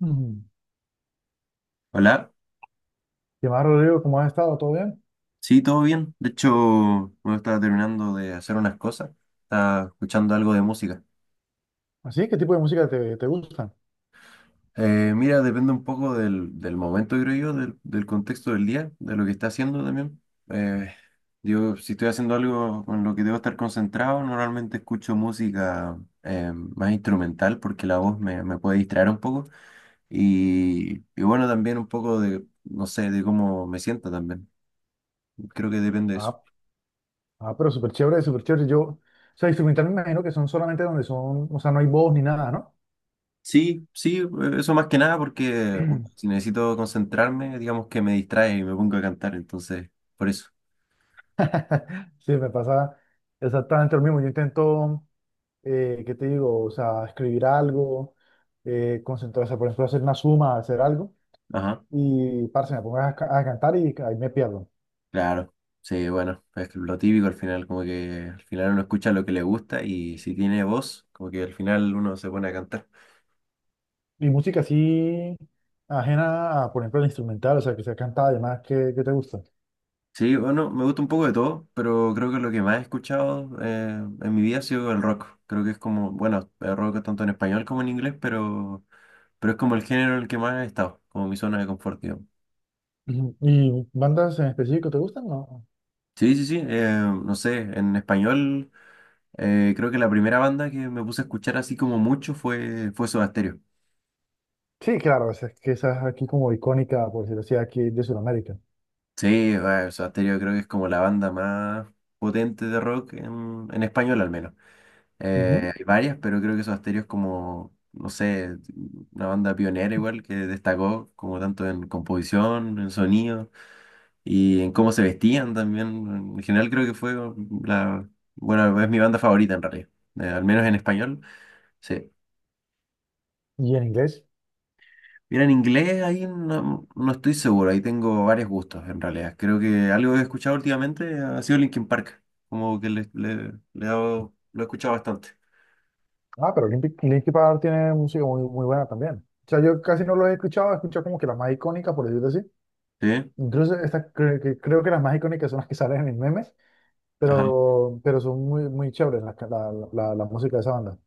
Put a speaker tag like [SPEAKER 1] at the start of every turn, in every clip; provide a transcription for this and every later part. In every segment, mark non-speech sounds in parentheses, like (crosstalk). [SPEAKER 1] Mm.
[SPEAKER 2] Hola,
[SPEAKER 1] ¿Qué más, Rodrigo? ¿Cómo has estado? ¿Todo bien?
[SPEAKER 2] sí, todo bien. De hecho, me estaba terminando de hacer unas cosas, estaba escuchando algo de música.
[SPEAKER 1] ¿Así? ¿Qué tipo de música te gusta?
[SPEAKER 2] Mira, depende un poco del momento, creo yo, del contexto del día, de lo que está haciendo también. Eh, yo, si estoy haciendo algo con lo que debo estar concentrado, normalmente escucho música más instrumental porque la voz me puede distraer un poco. Y bueno, también un poco de, no sé, de cómo me sienta también. Creo que depende de eso.
[SPEAKER 1] Ah, ah, pero súper chévere, súper chévere. Yo, o sea, instrumental me imagino que son solamente donde son, o sea, no hay voz ni nada, ¿no?
[SPEAKER 2] Sí, sí, eso más que nada porque si
[SPEAKER 1] (clears throat)
[SPEAKER 2] necesito concentrarme, digamos que me distrae y me pongo a cantar, entonces, por eso.
[SPEAKER 1] Sí, me pasa exactamente lo mismo. Yo intento, ¿qué te digo? O sea, escribir algo, concentrarse, por ejemplo, hacer una suma, hacer algo,
[SPEAKER 2] Ajá,
[SPEAKER 1] y parce, me pongo a cantar y ahí me pierdo.
[SPEAKER 2] claro. Sí, bueno, es que lo típico al final, como que al final uno escucha lo que le gusta y si tiene voz, como que al final uno se pone a cantar.
[SPEAKER 1] Y música así ajena a, por ejemplo, el instrumental, o sea, que sea cantada, además, ¿qué te gusta?
[SPEAKER 2] Sí, bueno, me gusta un poco de todo, pero creo que lo que más he escuchado en mi vida ha sido el rock. Creo que es como, bueno, el rock tanto en español como en inglés, pero es como el género en el que más he estado, como mi zona de confort.
[SPEAKER 1] Ujú. ¿Y bandas en específico te gustan? No.
[SPEAKER 2] Sí, sí, sí, no sé, en español creo que la primera banda que me puse a escuchar así como mucho fue Soda Stereo.
[SPEAKER 1] Sí, claro, es que esa es aquí como icónica, por decirlo así, aquí de Sudamérica.
[SPEAKER 2] Sí, bueno, Soda Stereo creo que es como la banda más potente de rock en español al menos.
[SPEAKER 1] Ujú.
[SPEAKER 2] Hay varias, pero creo que Soda Stereo es como, no sé, una banda pionera igual que destacó como tanto en composición, en sonido y en cómo se vestían también. En general creo que fue la, bueno, es mi banda favorita en realidad, al menos en español. Sí.
[SPEAKER 1] ¿Y en inglés?
[SPEAKER 2] Mira, en inglés ahí no, no estoy seguro, ahí tengo varios gustos en realidad. Creo que algo que he escuchado últimamente ha sido Linkin Park, como que le he lo he escuchado bastante.
[SPEAKER 1] Ah, pero Linkin Park tiene música muy, muy buena también. O sea, yo casi no lo he escuchado como que las más icónicas, por decirlo así.
[SPEAKER 2] Sí,
[SPEAKER 1] Incluso estas creo que las más icónicas son las que salen en memes,
[SPEAKER 2] ajá.
[SPEAKER 1] pero son muy, muy chéveres las ca- la música de esa banda.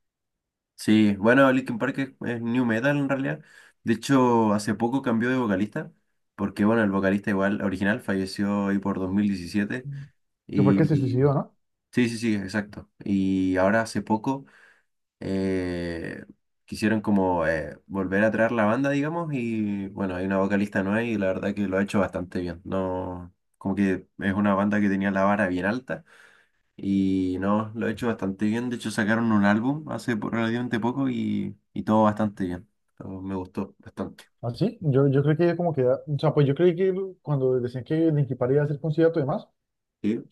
[SPEAKER 2] Sí, bueno, Linkin Park es new metal en realidad. De hecho, hace poco cambió de vocalista, porque bueno, el vocalista igual original falleció ahí por 2017.
[SPEAKER 1] ¿Que fue el que se
[SPEAKER 2] Y
[SPEAKER 1] suicidó, no?
[SPEAKER 2] sí, sí, sí, exacto. Y ahora hace poco eh, quisieron como volver a traer la banda, digamos, y bueno, hay una vocalista nueva y la verdad que lo ha hecho bastante bien. No, como que es una banda que tenía la vara bien alta y no, lo ha hecho bastante bien. De hecho, sacaron un álbum hace relativamente poco y todo bastante bien. Todo me gustó bastante.
[SPEAKER 1] ¿Ah, sí? Yo creo que como que, o sea, pues yo creí que cuando decían que Linkin Park iba a hacer concierto y demás,
[SPEAKER 2] Sí,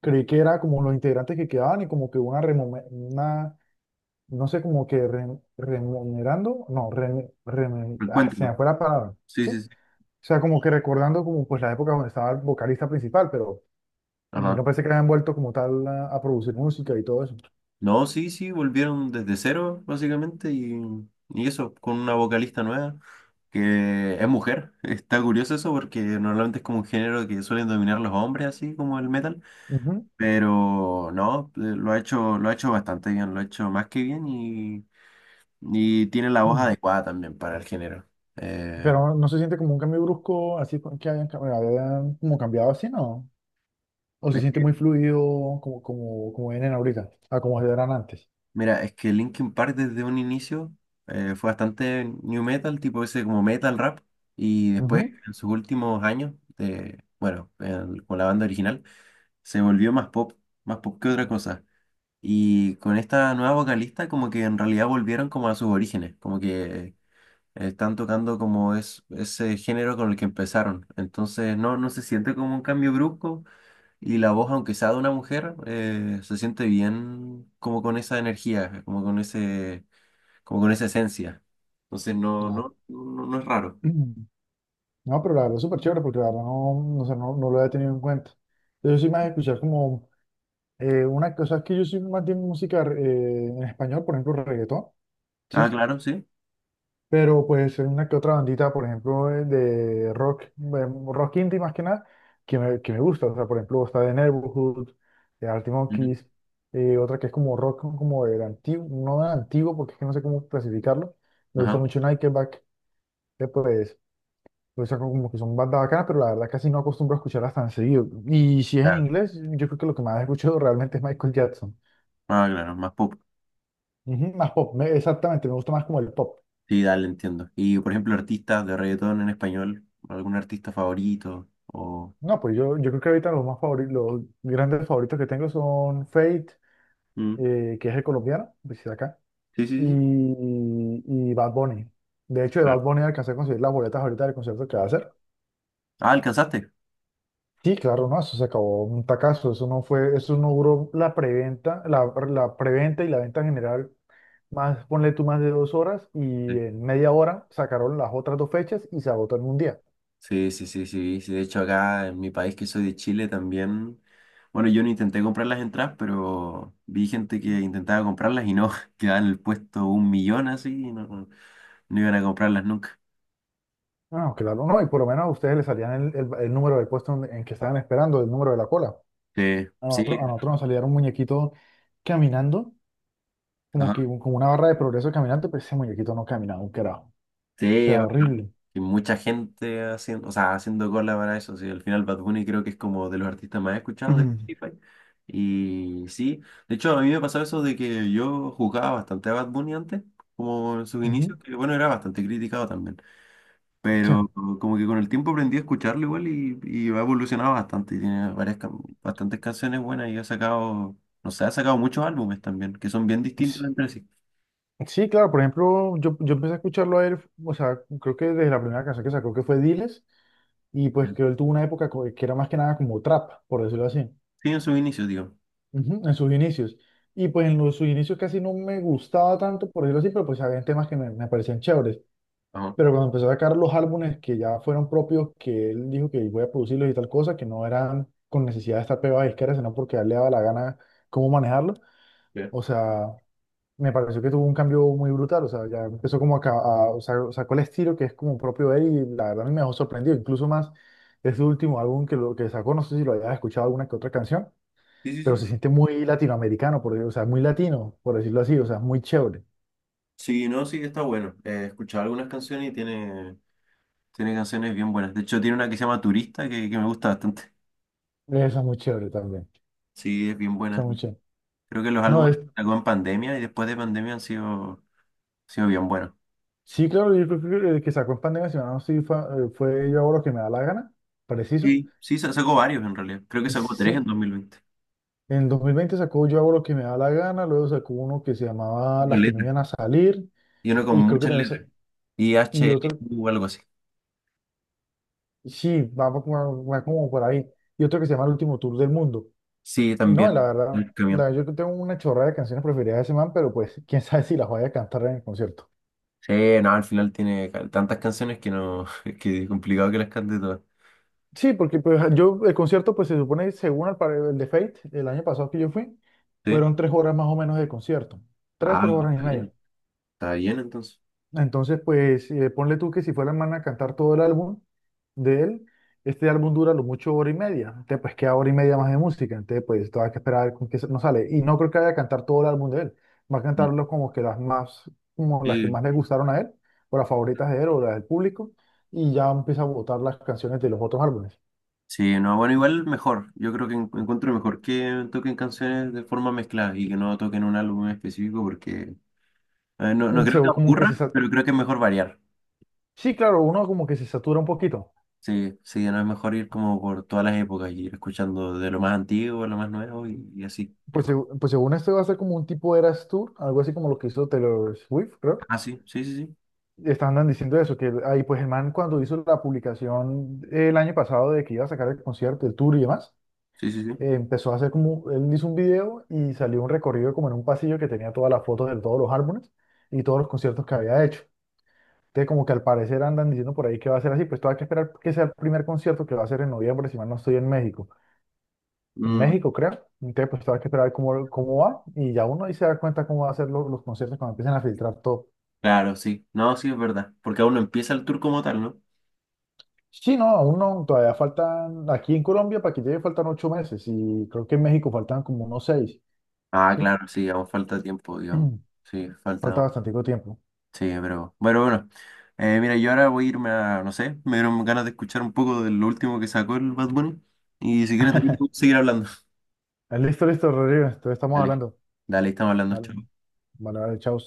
[SPEAKER 1] creí que era como los integrantes que quedaban y como que una, no sé, como que remunerando, no, se me
[SPEAKER 2] encuentro.
[SPEAKER 1] fue la palabra,
[SPEAKER 2] Sí,
[SPEAKER 1] ¿sí?
[SPEAKER 2] sí,
[SPEAKER 1] O
[SPEAKER 2] sí.
[SPEAKER 1] sea, como que recordando como pues la época donde estaba el vocalista principal, pero
[SPEAKER 2] Ajá.
[SPEAKER 1] no pensé que habían vuelto como tal a producir música y todo eso.
[SPEAKER 2] No, sí, sí, volvieron desde cero, básicamente, y eso, con una vocalista nueva, que es mujer. (laughs) Está curioso eso porque normalmente es como un género que suelen dominar los hombres, así como el metal,
[SPEAKER 1] Ujú.
[SPEAKER 2] pero no, lo ha hecho bastante bien, lo ha hecho más que bien y tiene la voz
[SPEAKER 1] Mm.
[SPEAKER 2] adecuada también para el género. Eh,
[SPEAKER 1] Pero no se siente como un cambio brusco, así que hayan como cambiado así, ¿no? O se siente muy fluido como vienen ahorita, a como eran antes.
[SPEAKER 2] Mira, es que Linkin Park desde un inicio fue bastante new metal, tipo ese como metal rap, y después
[SPEAKER 1] Ujú.
[SPEAKER 2] en sus últimos años, de, bueno, con la banda original, se volvió más pop que otra cosa. Y con esta nueva vocalista como que en realidad volvieron como a sus orígenes, como que están tocando como es, ese género con el que empezaron. Entonces no, no se siente como un cambio brusco, y la voz, aunque sea de una mujer, se siente bien como con esa energía, como con ese, como con esa esencia. Entonces no,
[SPEAKER 1] No.
[SPEAKER 2] no, no, no es raro.
[SPEAKER 1] (clears throat) No, pero la verdad es súper chévere porque la verdad sé, no lo había tenido en cuenta. Yo soy más de escuchar como una cosa es que yo soy más de música en español, por ejemplo, reggaetón,
[SPEAKER 2] Ah,
[SPEAKER 1] ¿sí?
[SPEAKER 2] claro, sí.
[SPEAKER 1] Pero pues hay una que otra bandita, por ejemplo, de rock, rock indie más que nada, que me gusta. O sea, por ejemplo, está The Neighborhood, de Arctic
[SPEAKER 2] Ujú.
[SPEAKER 1] Monkeys, otra que es como rock como del antiguo, no del antiguo porque es que no sé cómo clasificarlo. Me gusta
[SPEAKER 2] Ajá.
[SPEAKER 1] mucho Nickelback, después pues saco como que son bandas bacanas, pero la verdad casi no acostumbro a escucharlas tan seguido. Y si es en
[SPEAKER 2] Claro.
[SPEAKER 1] inglés, yo creo que lo que más he escuchado (laughs) realmente es Michael Jackson.
[SPEAKER 2] Ah, claro, más pop.
[SPEAKER 1] Ujú, más pop, me- exactamente, me gusta más como el pop.
[SPEAKER 2] Sí, dale, entiendo. Y por ejemplo, artistas de reggaetón en español, algún artista favorito o.
[SPEAKER 1] No, pues yo creo que ahorita los más favoritos, los grandes favoritos que tengo son Fate,
[SPEAKER 2] Mm.
[SPEAKER 1] que es el colombiano, pues sí, de acá,
[SPEAKER 2] Sí, sí,
[SPEAKER 1] y,
[SPEAKER 2] sí.
[SPEAKER 1] y Bad Bunny. De hecho, de Bad
[SPEAKER 2] Claro.
[SPEAKER 1] Bunny alcancé a conseguir las boletas ahorita del concierto que va a hacer.
[SPEAKER 2] Ah, ¿alcanzaste?
[SPEAKER 1] Sí, claro, no, eso se acabó un tacazo, eso no fue, eso no duró la preventa, la preventa y la venta general más, ponle tú más de 2 horas y en media hora sacaron las otras dos fechas y se agotó en un día.
[SPEAKER 2] Sí, sí, sí, sí, sí. De hecho, acá en mi país, que soy de Chile, también. Bueno, yo no intenté comprar las entradas, pero vi gente que intentaba comprarlas y no, (laughs) quedaban en el puesto un millón así y no, no iban a comprarlas nunca.
[SPEAKER 1] No, no, claro, no, y por lo menos a ustedes les salían el número del puesto en que estaban esperando, el número de la cola.
[SPEAKER 2] Sí,
[SPEAKER 1] A
[SPEAKER 2] sí,
[SPEAKER 1] nosotros, a nosotros nos salía un muñequito caminando, como que
[SPEAKER 2] ajá.
[SPEAKER 1] como una barra de progreso caminante, pero ese muñequito no caminaba un carajo. O
[SPEAKER 2] Sí,
[SPEAKER 1] sea, horrible.
[SPEAKER 2] y mucha gente haciendo, o sea, haciendo cola para eso. Sí, al final Bad Bunny creo que es como de los artistas más
[SPEAKER 1] (clears throat)
[SPEAKER 2] escuchados de
[SPEAKER 1] Ujú.
[SPEAKER 2] Spotify. Y sí, de hecho, a mí me pasó eso de que yo jugaba bastante a Bad Bunny antes, como en sus
[SPEAKER 1] Ujú.
[SPEAKER 2] inicios, que bueno, era bastante criticado también.
[SPEAKER 1] Sí.
[SPEAKER 2] Pero como que con el tiempo aprendí a escucharlo igual y ha evolucionado bastante. Y tiene bastantes canciones buenas y ha sacado, no sé, ha sacado muchos álbumes también, que son bien distintos
[SPEAKER 1] S-
[SPEAKER 2] entre sí.
[SPEAKER 1] Sí, claro, por ejemplo, yo empecé a escucharlo a él, o sea, creo que desde la primera canción que sacó, que fue Diles, y pues que él tuvo una época que era más que nada como trap, por decirlo así.
[SPEAKER 2] Sí, en sus inicios, digo.
[SPEAKER 1] Ujú, en sus inicios. Y pues en sus inicios casi no me gustaba tanto, por decirlo así, pero pues había temas que me parecían chéveres.
[SPEAKER 2] Ajá.
[SPEAKER 1] Pero cuando empezó a sacar los álbumes que ya fueron propios, que él dijo que voy a producirlos y tal cosa, que no eran con necesidad de estar pegado a disquera, sino porque a él le daba la gana cómo manejarlo.
[SPEAKER 2] Ya.
[SPEAKER 1] O sea, me pareció que tuvo un cambio muy brutal, o sea, ya empezó como o sea, sacó el estilo que es como propio de él y la verdad a mí me dejó sorprendido, incluso más ese último álbum que sacó, no sé si lo hayas escuchado alguna que otra canción,
[SPEAKER 2] Sí, sí,
[SPEAKER 1] pero
[SPEAKER 2] sí.
[SPEAKER 1] se siente muy latinoamericano, por, o sea, muy latino, por decirlo así, o sea, muy chévere.
[SPEAKER 2] Sí, no, sí, está bueno. He escuchado algunas canciones y tiene, tiene canciones bien buenas. De hecho, tiene una que se llama Turista que me gusta bastante.
[SPEAKER 1] Esa es muy chévere también,
[SPEAKER 2] Sí, es bien
[SPEAKER 1] esa
[SPEAKER 2] buena.
[SPEAKER 1] es muy chévere.
[SPEAKER 2] Creo que los
[SPEAKER 1] No,
[SPEAKER 2] álbumes
[SPEAKER 1] es,
[SPEAKER 2] que sacó en pandemia y después de pandemia han sido bien buenos.
[SPEAKER 1] sí, claro, yo creo que el que sacó en pandemia, si no, sí, fue, fue Yo hago lo que me da la gana, preciso.
[SPEAKER 2] Sí, sí, sacó varios en realidad. Creo que sacó tres en
[SPEAKER 1] Sí,
[SPEAKER 2] 2020.
[SPEAKER 1] en 2020 sacó Yo hago lo que me da la gana, luego sacó uno que se llamaba
[SPEAKER 2] Pero
[SPEAKER 1] Las que no
[SPEAKER 2] letras.
[SPEAKER 1] iban a salir,
[SPEAKER 2] Y uno con
[SPEAKER 1] y creo que
[SPEAKER 2] muchas
[SPEAKER 1] también,
[SPEAKER 2] letras. Y
[SPEAKER 1] y otro,
[SPEAKER 2] HLU o algo así.
[SPEAKER 1] sí, va como por ahí. Y otro que se llama El Último Tour del Mundo.
[SPEAKER 2] Sí,
[SPEAKER 1] Y no, la
[SPEAKER 2] también.
[SPEAKER 1] verdad,
[SPEAKER 2] El camión.
[SPEAKER 1] yo tengo una chorrada de canciones preferidas de ese man, pero pues (laughs) quién sabe si las voy a cantar en el concierto.
[SPEAKER 2] Sí, no, al final tiene tantas canciones que no, (laughs) que es complicado que las cante todas.
[SPEAKER 1] Sí, porque pues yo, el concierto, pues se supone, según el de Fate, el año pasado que yo fui,
[SPEAKER 2] Sí.
[SPEAKER 1] fueron 3 horas más o menos de concierto. Tres,
[SPEAKER 2] Ah,
[SPEAKER 1] tres horas y
[SPEAKER 2] está
[SPEAKER 1] media.
[SPEAKER 2] bien. Está bien entonces.
[SPEAKER 1] Entonces, pues ponle tú que si fuera el man a cantar todo el álbum de él, este álbum dura lo mucho hora y media. Entonces, pues queda hora y media más de música. Entonces, pues todavía hay que esperar a ver con qué no sale. Y no creo que vaya a cantar todo el álbum de él. Va a cantarlo como que las más, como las que
[SPEAKER 2] Sí.
[SPEAKER 1] más le gustaron a él, o las favoritas de él, o las del público. Y ya empieza a votar las canciones de los otros álbumes.
[SPEAKER 2] Sí, no, bueno, igual mejor. Yo creo que encuentro mejor que toquen canciones de forma mezclada y que no toquen un álbum en específico porque no, no
[SPEAKER 1] Mm, Se-
[SPEAKER 2] creo que
[SPEAKER 1] como que se,
[SPEAKER 2] aburra,
[SPEAKER 1] sa-
[SPEAKER 2] pero creo que es mejor variar.
[SPEAKER 1] sí, claro, uno como que se satura un poquito.
[SPEAKER 2] Sí, sí, no es mejor ir como por todas las épocas y ir escuchando de lo más antiguo a lo más nuevo y así.
[SPEAKER 1] Pues, pues según esto va a ser como un tipo Eras Tour, algo así como lo que hizo Taylor Swift, creo.
[SPEAKER 2] Ah, sí, sí, sí, sí,
[SPEAKER 1] Estaban diciendo eso, que ahí pues el man cuando hizo la publicación el año pasado de que iba a sacar el concierto, el tour y demás,
[SPEAKER 2] sí, sí, sí.
[SPEAKER 1] empezó a hacer como, él hizo un video y salió un recorrido como en un pasillo que tenía todas las fotos de todos los álbumes y todos los conciertos que había hecho. Entonces como que al parecer andan diciendo por ahí que va a ser así, pues todavía hay que esperar que sea el primer concierto que va a ser en noviembre, si mal no estoy en
[SPEAKER 2] Mm,
[SPEAKER 1] México creo. Entonces pues todavía hay que esperar cómo, va y ya uno ahí se da cuenta cómo va a ser los conciertos cuando empiecen a filtrar todo.
[SPEAKER 2] claro, sí. No, sí, es verdad. Porque aún no empieza el tour como tal, ¿no?
[SPEAKER 1] Sí, no, aún no, todavía faltan, aquí en Colombia para que llegue faltan 8 meses y creo que en México faltan como unos 6,
[SPEAKER 2] Ah,
[SPEAKER 1] ¿sí?
[SPEAKER 2] claro, sí, aún falta tiempo, digamos. Sí,
[SPEAKER 1] (clears throat) Falta
[SPEAKER 2] falta.
[SPEAKER 1] bastante tiempo.
[SPEAKER 2] Sí, pero bueno, bueno. Mira, yo ahora voy a irme a, no sé, me dieron ganas de escuchar un poco de lo último que sacó el Bad Bunny. Y si quieres, también podemos
[SPEAKER 1] (laughs)
[SPEAKER 2] seguir hablando.
[SPEAKER 1] Listo, listo, Rodrigo, entonces estamos
[SPEAKER 2] Dale,
[SPEAKER 1] hablando.
[SPEAKER 2] dale, estamos hablando.
[SPEAKER 1] Vale,
[SPEAKER 2] Chao.
[SPEAKER 1] vale, vale, chao.